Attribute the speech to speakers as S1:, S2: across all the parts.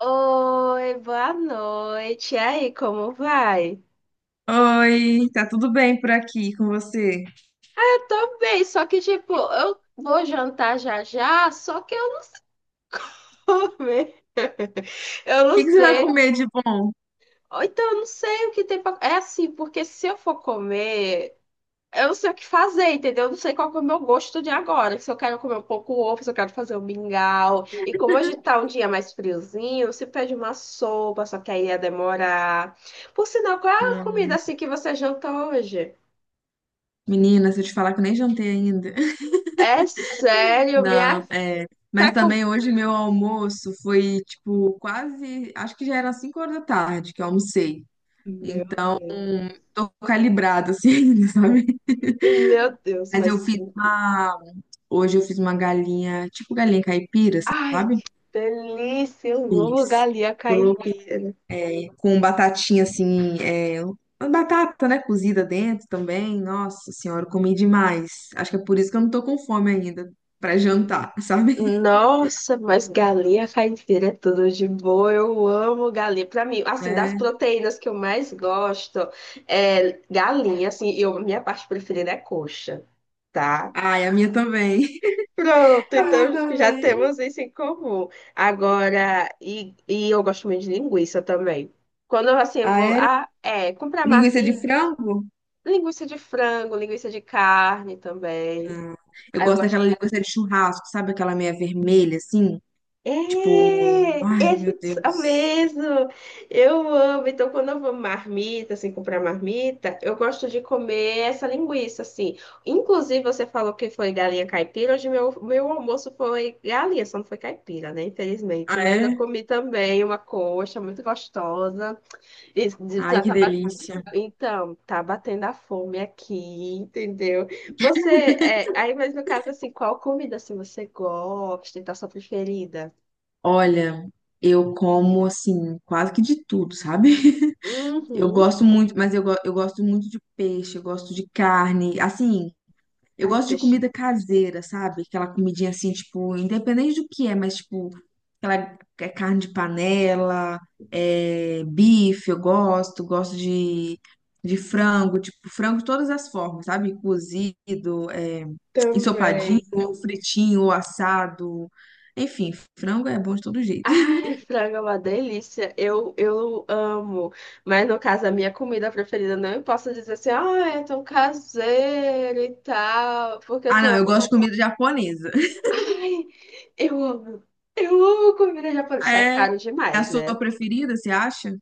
S1: Oi, boa noite. E aí, como vai?
S2: Oi, tá tudo bem por aqui com você? O
S1: Eu tô bem, só que tipo, eu vou jantar já já, só que eu não vou comer. Eu não
S2: que que você vai
S1: sei.
S2: comer de bom?
S1: Ou então eu não sei o que tem pra... É assim, porque se eu for comer, eu não sei o que fazer, entendeu? Eu não sei qual que é o meu gosto de agora. Se eu quero comer um pouco ovo, se eu quero fazer um mingau. E como hoje tá um dia mais friozinho, se pede uma sopa, só que aí ia demorar. Por sinal, qual é a comida
S2: Hum,
S1: assim que você jantou hoje?
S2: Menina, se eu te falar que eu nem jantei ainda.
S1: É sério, minha.
S2: Não, é. Mas
S1: Tá com...
S2: também hoje meu almoço foi tipo quase, acho que já era 5 horas da tarde que eu almocei.
S1: Meu
S2: Então,
S1: Deus.
S2: tô calibrada assim, sabe?
S1: Meu Deus,
S2: Mas
S1: mais
S2: eu fiz
S1: cinco.
S2: uma, Hoje eu fiz uma galinha, tipo galinha caipira,
S1: Ai,
S2: sabe?
S1: que delícia. Eu amo
S2: Fiz
S1: galinha caipira.
S2: com batatinha assim, é, uma batata, né, cozida dentro também. Nossa senhora, eu comi demais. Acho que é por isso que eu não tô com fome ainda pra jantar, sabe?
S1: Nossa, mas galinha caipira é tudo de bom. Eu amo galinha. Pra mim, assim, das
S2: É.
S1: proteínas que eu mais gosto é galinha, assim, eu, minha parte preferida é coxa. Tá?
S2: Ai, a minha também.
S1: Pronto,
S2: A minha
S1: então já
S2: também.
S1: temos isso em comum. Agora, e eu gosto muito de linguiça também. Quando eu, assim, eu
S2: Ah,
S1: vou
S2: é?
S1: comprar
S2: Linguiça de
S1: marmita,
S2: frango?
S1: linguiça de frango, linguiça de carne também.
S2: Ah, eu
S1: Aí eu
S2: gosto
S1: gosto.
S2: daquela linguiça de churrasco, sabe? Aquela meia vermelha, assim.
S1: É,
S2: Tipo, ai, meu
S1: esse é o
S2: Deus.
S1: mesmo. Eu amo. Então, quando eu vou marmita, assim, comprar marmita, eu gosto de comer essa linguiça, assim. Inclusive, você falou que foi galinha caipira. Hoje, meu almoço foi galinha, só não foi caipira, né?
S2: Ah,
S1: Infelizmente. Mas eu
S2: é?
S1: comi também uma coxa muito gostosa. E
S2: Ai,
S1: já
S2: que
S1: tá bat...
S2: delícia.
S1: Então, tá batendo a fome aqui, entendeu? Você, é, aí, mas no caso, assim, qual comida, assim você gosta e tá sua preferida?
S2: Olha, eu como, assim, quase que de tudo, sabe? Eu
S1: Uhum.
S2: gosto muito, mas eu gosto muito de peixe, eu gosto de carne, assim, eu
S1: Ai,
S2: gosto de
S1: peixe.
S2: comida caseira, sabe? Aquela comidinha assim, tipo, independente do que é, mas tipo, aquela é carne de panela, é, bife, eu gosto, gosto de frango, tipo, frango de todas as formas, sabe? Cozido, é, ensopadinho,
S1: Também.
S2: ou fritinho, ou assado, enfim, frango é bom de todo jeito.
S1: Ai, frango é uma delícia. Eu amo. Mas no caso, a minha comida preferida, não posso dizer assim, ah, é tão caseiro e tal. Porque eu
S2: Ah,
S1: tenho
S2: não,
S1: uma.
S2: eu gosto de comida japonesa.
S1: Ai, eu amo. Eu amo comida japonesa. Só é
S2: É, é
S1: caro
S2: a
S1: demais, né?
S2: sua preferida, você acha?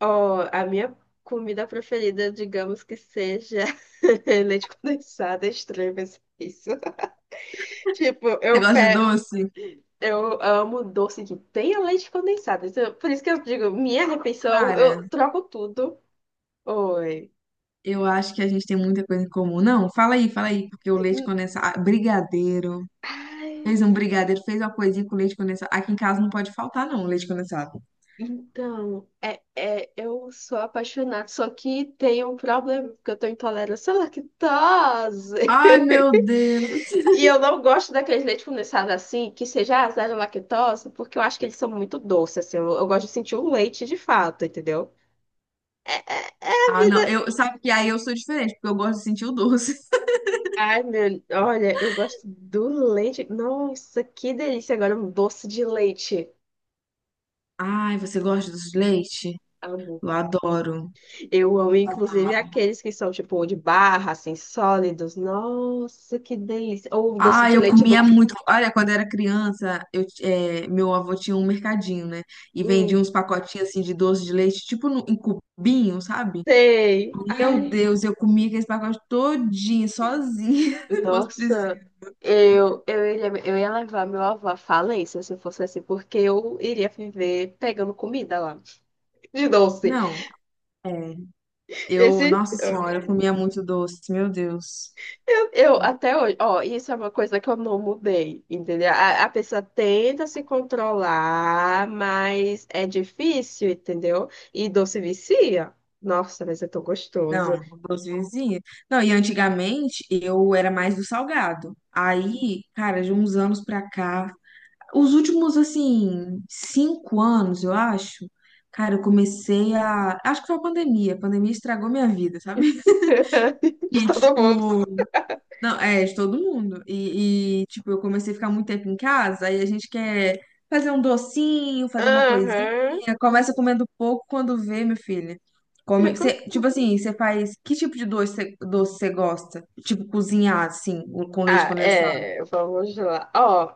S1: Ó, a minha comida preferida, digamos que seja leite condensado, é estranho, mas é isso. Tipo,
S2: Você
S1: eu
S2: gosta de
S1: pego.
S2: doce?
S1: Eu amo doce que tenha leite condensado. Isso- por isso que eu digo, minha refeição, eu
S2: Cara,
S1: troco tudo. Oi.
S2: eu acho que a gente tem muita coisa em comum. Não, fala aí, porque o leite
S1: Hum,
S2: condensado, ah, brigadeiro.
S1: Ai,
S2: Fez um brigadeiro, fez uma coisinha com leite condensado. Aqui em casa não pode faltar, não, leite condensado.
S1: então, é, é, eu sou apaixonada, só que tem um problema, porque eu tô intolerância à lactose.
S2: Ai, meu Deus.
S1: E eu não gosto daqueles leite condensado assim, que seja zero lactose, porque eu acho que eles são muito doces, assim. Eu gosto de sentir o leite de fato, entendeu? É, é, é a
S2: Ah, não,
S1: vida.
S2: sabe que aí eu sou diferente, porque eu gosto de sentir o doce.
S1: Ai, meu, olha, eu gosto do leite. Nossa, que delícia! Agora um doce de leite.
S2: Ai, você gosta de doce de leite?
S1: Amo.
S2: Eu adoro.
S1: Eu amo, inclusive, aqueles que são tipo de barra, assim, sólidos. Nossa, que delícia! Ou um doce
S2: Ah,
S1: de
S2: eu
S1: leite
S2: comia
S1: no.
S2: muito. Olha, quando eu era criança, meu avô tinha um mercadinho, né? E vendia
S1: Hum,
S2: uns pacotinhos assim de doce de leite, tipo em cubinho, sabe?
S1: sei.
S2: Meu
S1: Ai,
S2: Deus, eu comia aqueles pacotes todinho, sozinha, se fosse
S1: nossa.
S2: preciso.
S1: Eu ia levar meu avô à falência se fosse assim, porque eu iria viver pegando comida lá, de doce.
S2: Não, é,
S1: Esse.
S2: nossa senhora, eu comia muito doce, meu Deus.
S1: Eu até hoje, ó, isso é uma coisa que eu não mudei, entendeu? A pessoa tenta se controlar, mas é difícil, entendeu? E doce vicia. Nossa, mas é tão gostoso.
S2: Não, doce vizinha. Não, e antigamente eu era mais do salgado. Aí, cara, de uns anos pra cá, os últimos, assim, 5 anos, eu acho, cara, eu comecei a. Acho que foi a pandemia. A pandemia estragou minha vida, sabe?
S1: De
S2: E,
S1: todo mundo.
S2: tipo. Não, é, de todo mundo. E, tipo, eu comecei a ficar muito tempo em casa, aí a gente quer fazer um docinho, fazer uma coisinha.
S1: Aham.
S2: Começa comendo pouco quando vê, meu filho.
S1: Já com...
S2: Tipo assim, você faz. Que tipo de doce você gosta? Tipo, cozinhar, assim, com leite
S1: Ah,
S2: condensado.
S1: é, vamos lá. Ó,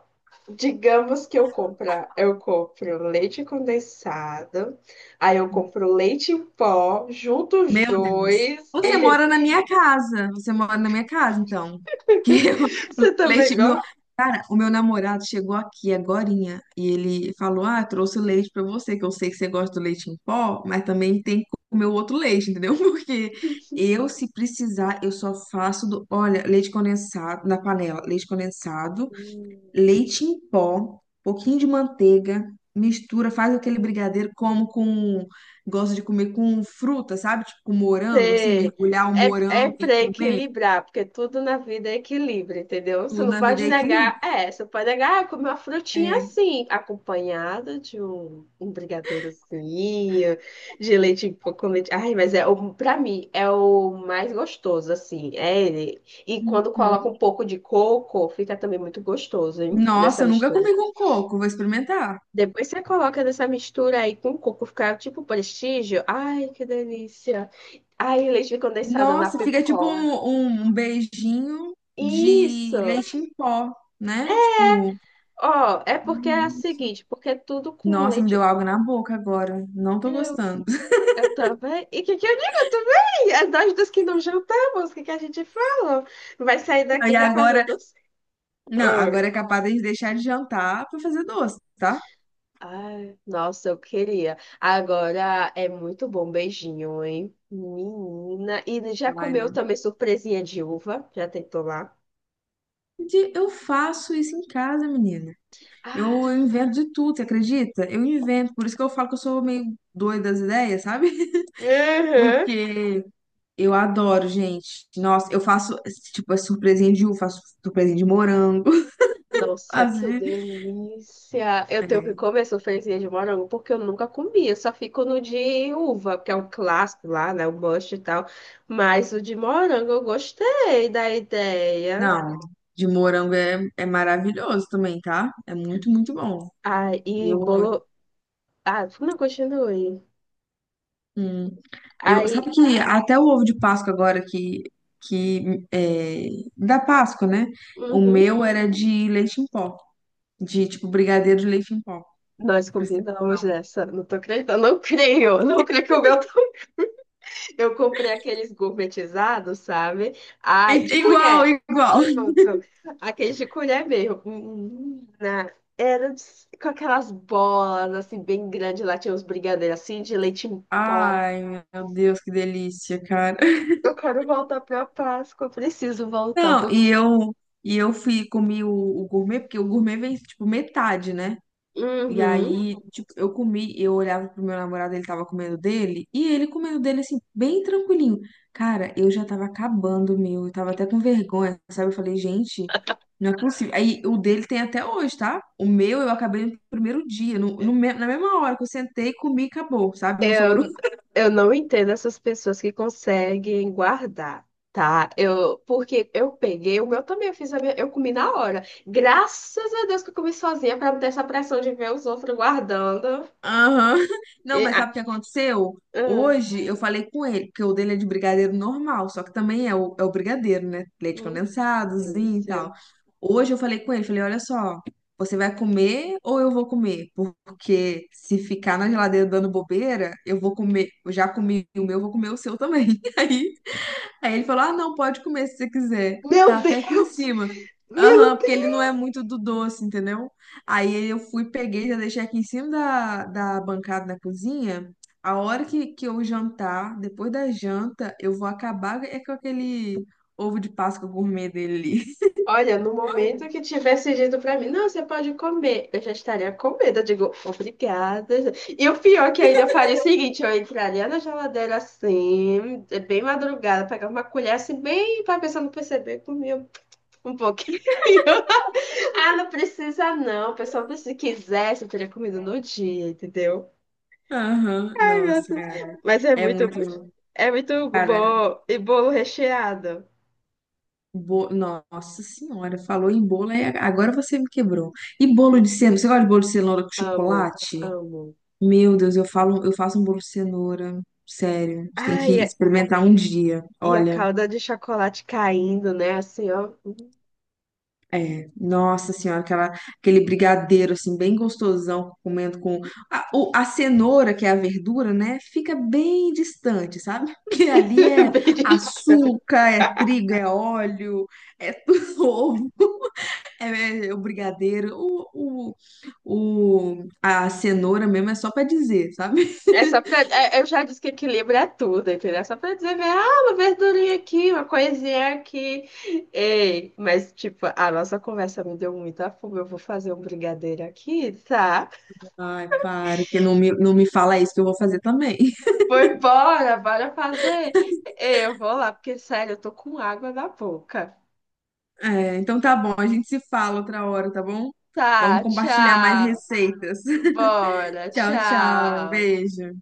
S1: digamos que eu compra, eu compro leite condensado, aí eu compro leite em pó, junto os
S2: Meu Deus.
S1: dois,
S2: Você mora
S1: entendeu?
S2: na minha casa. Você mora na minha casa, então. Que eu, o
S1: Você também
S2: leite, meu,
S1: gosta?
S2: cara, o meu namorado chegou aqui agorinha e ele falou: "Ah, trouxe o leite pra você, que eu sei que você gosta do leite em pó, mas também tem que comer o outro leite, entendeu? Porque eu, se precisar, eu só faço do, olha, leite condensado na panela, leite condensado
S1: Você-
S2: leite em pó, pouquinho de manteiga, mistura, faz aquele brigadeiro, gosto de comer com fruta, sabe? Tipo com morango, assim, mergulhar o
S1: É, é
S2: morango e
S1: para
S2: comer.
S1: equilibrar, porque tudo na vida é equilíbrio, entendeu? Você
S2: Tudo
S1: não
S2: na vida
S1: pode
S2: é equilíbrio.
S1: negar, é, você pode negar, ah, comer uma frutinha
S2: É.
S1: assim, acompanhada de um brigadeirozinho, de leite em pó com leite. Ai, mas é, o- pra mim, é o mais gostoso, assim, é ele. E quando coloca
S2: Uhum.
S1: um pouco de coco, fica também muito gostoso, hein? Nessa
S2: Nossa, eu nunca
S1: mistura.
S2: comi com coco, vou experimentar.
S1: Depois você coloca nessa mistura aí com coco, fica tipo prestígio. Ai, que delícia. Ai, leite condensado na
S2: Nossa, fica tipo um,
S1: pipoca.
S2: um um beijinho de
S1: Isso.
S2: leite em pó, né? Tipo,
S1: Ó, é porque é a
S2: Uhum.
S1: seguinte, porque é tudo com
S2: Nossa, me deu
S1: leite.
S2: água na boca agora. Não tô
S1: Eu,
S2: gostando.
S1: eu também. E o que que eu digo? Eu também. É nós dos que não jantamos, o que que a gente fala? Vai sair
S2: E
S1: daqui já fazendo.
S2: agora
S1: Doce.
S2: Não, agora é capaz de deixar de jantar pra fazer doce, tá?
S1: Ai, nossa, eu queria. Agora é muito bom beijinho, hein? Menina. E já
S2: Ai,
S1: comeu
S2: não.
S1: também surpresinha de uva? Já tentou lá?
S2: Eu faço isso em casa, menina. Eu
S1: Ai,
S2: invento de tudo, você acredita? Eu invento, por isso que eu falo que eu sou meio doida das ideias, sabe?
S1: uhum.
S2: Porque eu adoro, gente. Nossa, eu faço, tipo, é surpresinha de uva, faço surpresinha de morango.
S1: Nossa,
S2: Faço
S1: que
S2: de...
S1: delícia! Eu
S2: É,
S1: tenho que comer surpresinha de morango porque eu nunca comi. Eu só fico no de uva, que é um clássico lá, né? O must e tal. Mas o de morango eu gostei da ideia.
S2: não, de morango é maravilhoso também, tá? É muito, muito bom.
S1: Ai, e
S2: Eu
S1: bolo. Ah, não, continue.
S2: Hum. Sabe
S1: Aí.
S2: que até o ovo de Páscoa agora que é, da Páscoa, né? O
S1: Uhum.
S2: meu era de leite em pó, de tipo brigadeiro de leite em pó,
S1: Nós
S2: pra você ter
S1: combinamos
S2: noção.
S1: essa. Não tô acreditando, não creio. Não creio que o meu. Tá- Eu comprei aqueles gourmetizados, sabe? Ai, de
S2: Igual,
S1: colher.
S2: igual.
S1: Pronto. Aqueles de colher mesmo. Menina, era de- com aquelas bolas, assim, bem grandes. Lá tinha uns brigadeiros, assim, de leite em pó.
S2: Ai, meu Deus, que delícia, cara.
S1: Eu quero voltar pra Páscoa. Eu preciso voltar.
S2: Não,
S1: Porque-
S2: e eu fui comi o gourmet, porque o gourmet vem tipo metade, né? E
S1: Uhum.
S2: aí, tipo, eu comi, eu olhava pro meu namorado, ele tava comendo dele, e ele comendo dele, assim, bem tranquilinho. Cara, eu já tava acabando o meu, eu tava até com vergonha, sabe? Eu falei, gente, não é possível. Aí, o dele tem até hoje, tá? O meu eu acabei no primeiro dia, no, no me- na mesma hora que eu sentei, comi e acabou, sabe? Não
S1: Eu,
S2: sobrou.
S1: eu não entendo essas pessoas que conseguem guardar, tá? Eu, porque eu peguei, o meu também, eu fiz a minha, eu comi na hora. Graças a Deus que eu comi sozinha para não ter essa pressão de ver os outros guardando.
S2: Aham. Não,
S1: E,
S2: mas
S1: ah,
S2: sabe o que aconteceu?
S1: ah,
S2: Hoje eu falei com ele, porque o dele é de brigadeiro normal, só que também é o brigadeiro, né? Leite
S1: hum,
S2: condensadozinho e
S1: delícia.
S2: tal. Hoje eu falei com ele, falei, olha só, você vai comer ou eu vou comer? Porque se ficar na geladeira dando bobeira, eu vou comer, eu já comi o meu, eu vou comer o seu também. Aí ele falou: "Ah, não, pode comer se você quiser.
S1: Meu
S2: Tá até aqui em
S1: Deus!
S2: cima." Aham,
S1: Meu
S2: porque ele
S1: Deus!
S2: não é muito do doce, entendeu? Aí eu fui, peguei, já deixei aqui em cima da bancada da cozinha. A hora que eu jantar, depois da janta, eu vou acabar é com aquele ovo de Páscoa gourmet dele ali.
S1: Olha, no momento que tivesse dito pra mim, não, você pode comer, eu já estaria com medo. Eu digo, obrigada. E o pior que ainda eu faria é o seguinte: eu entraria na geladeira assim, é bem madrugada, pegar uma colher assim, bem pra pessoa não perceber, comia um pouquinho. Ah, não precisa não, pessoal, se quisesse, eu teria comido no dia, entendeu?
S2: Aham,
S1: Ai, meu
S2: nossa,
S1: Deus.
S2: cara.
S1: Mas
S2: É muito.
S1: é muito
S2: Cara,
S1: bom. E bolo recheado.
S2: nossa senhora, falou em bolo, aí agora você me quebrou. E bolo de cenoura? Você gosta de bolo de cenoura com
S1: Amo,
S2: chocolate?
S1: amo.
S2: Meu Deus, eu falo, eu faço um bolo de cenoura, sério. Você tem
S1: Ai,
S2: que
S1: é-
S2: experimentar um dia.
S1: E a
S2: Olha,
S1: calda de chocolate caindo, né? Assim, ó.
S2: é, nossa senhora, aquele brigadeiro assim bem gostosão, comendo com a cenoura, que é a verdura, né? Fica bem distante, sabe? Porque ali é
S1: Beliscando.
S2: açúcar, é trigo, é óleo, é tudo ovo. É, é o brigadeiro, a cenoura mesmo é só pra dizer, sabe?
S1: É só pra. É- Eu já disse que equilíbrio é tudo, entendeu? É só pra dizer, né? Ah, uma verdurinha aqui, uma coisinha aqui. Ei, mas, tipo, a nossa conversa me deu muita fome. Eu vou fazer um brigadeiro aqui, tá?
S2: Ai, para que não me fala isso que eu vou fazer também.
S1: Foi embora, bora fazer. Ei, eu vou lá, porque, sério, eu tô com água na boca.
S2: É, então tá bom, a gente se fala outra hora, tá bom? Vamos
S1: Tá,
S2: compartilhar mais
S1: tchau.
S2: receitas.
S1: Bora,
S2: Tchau, tchau.
S1: tchau.
S2: Beijo.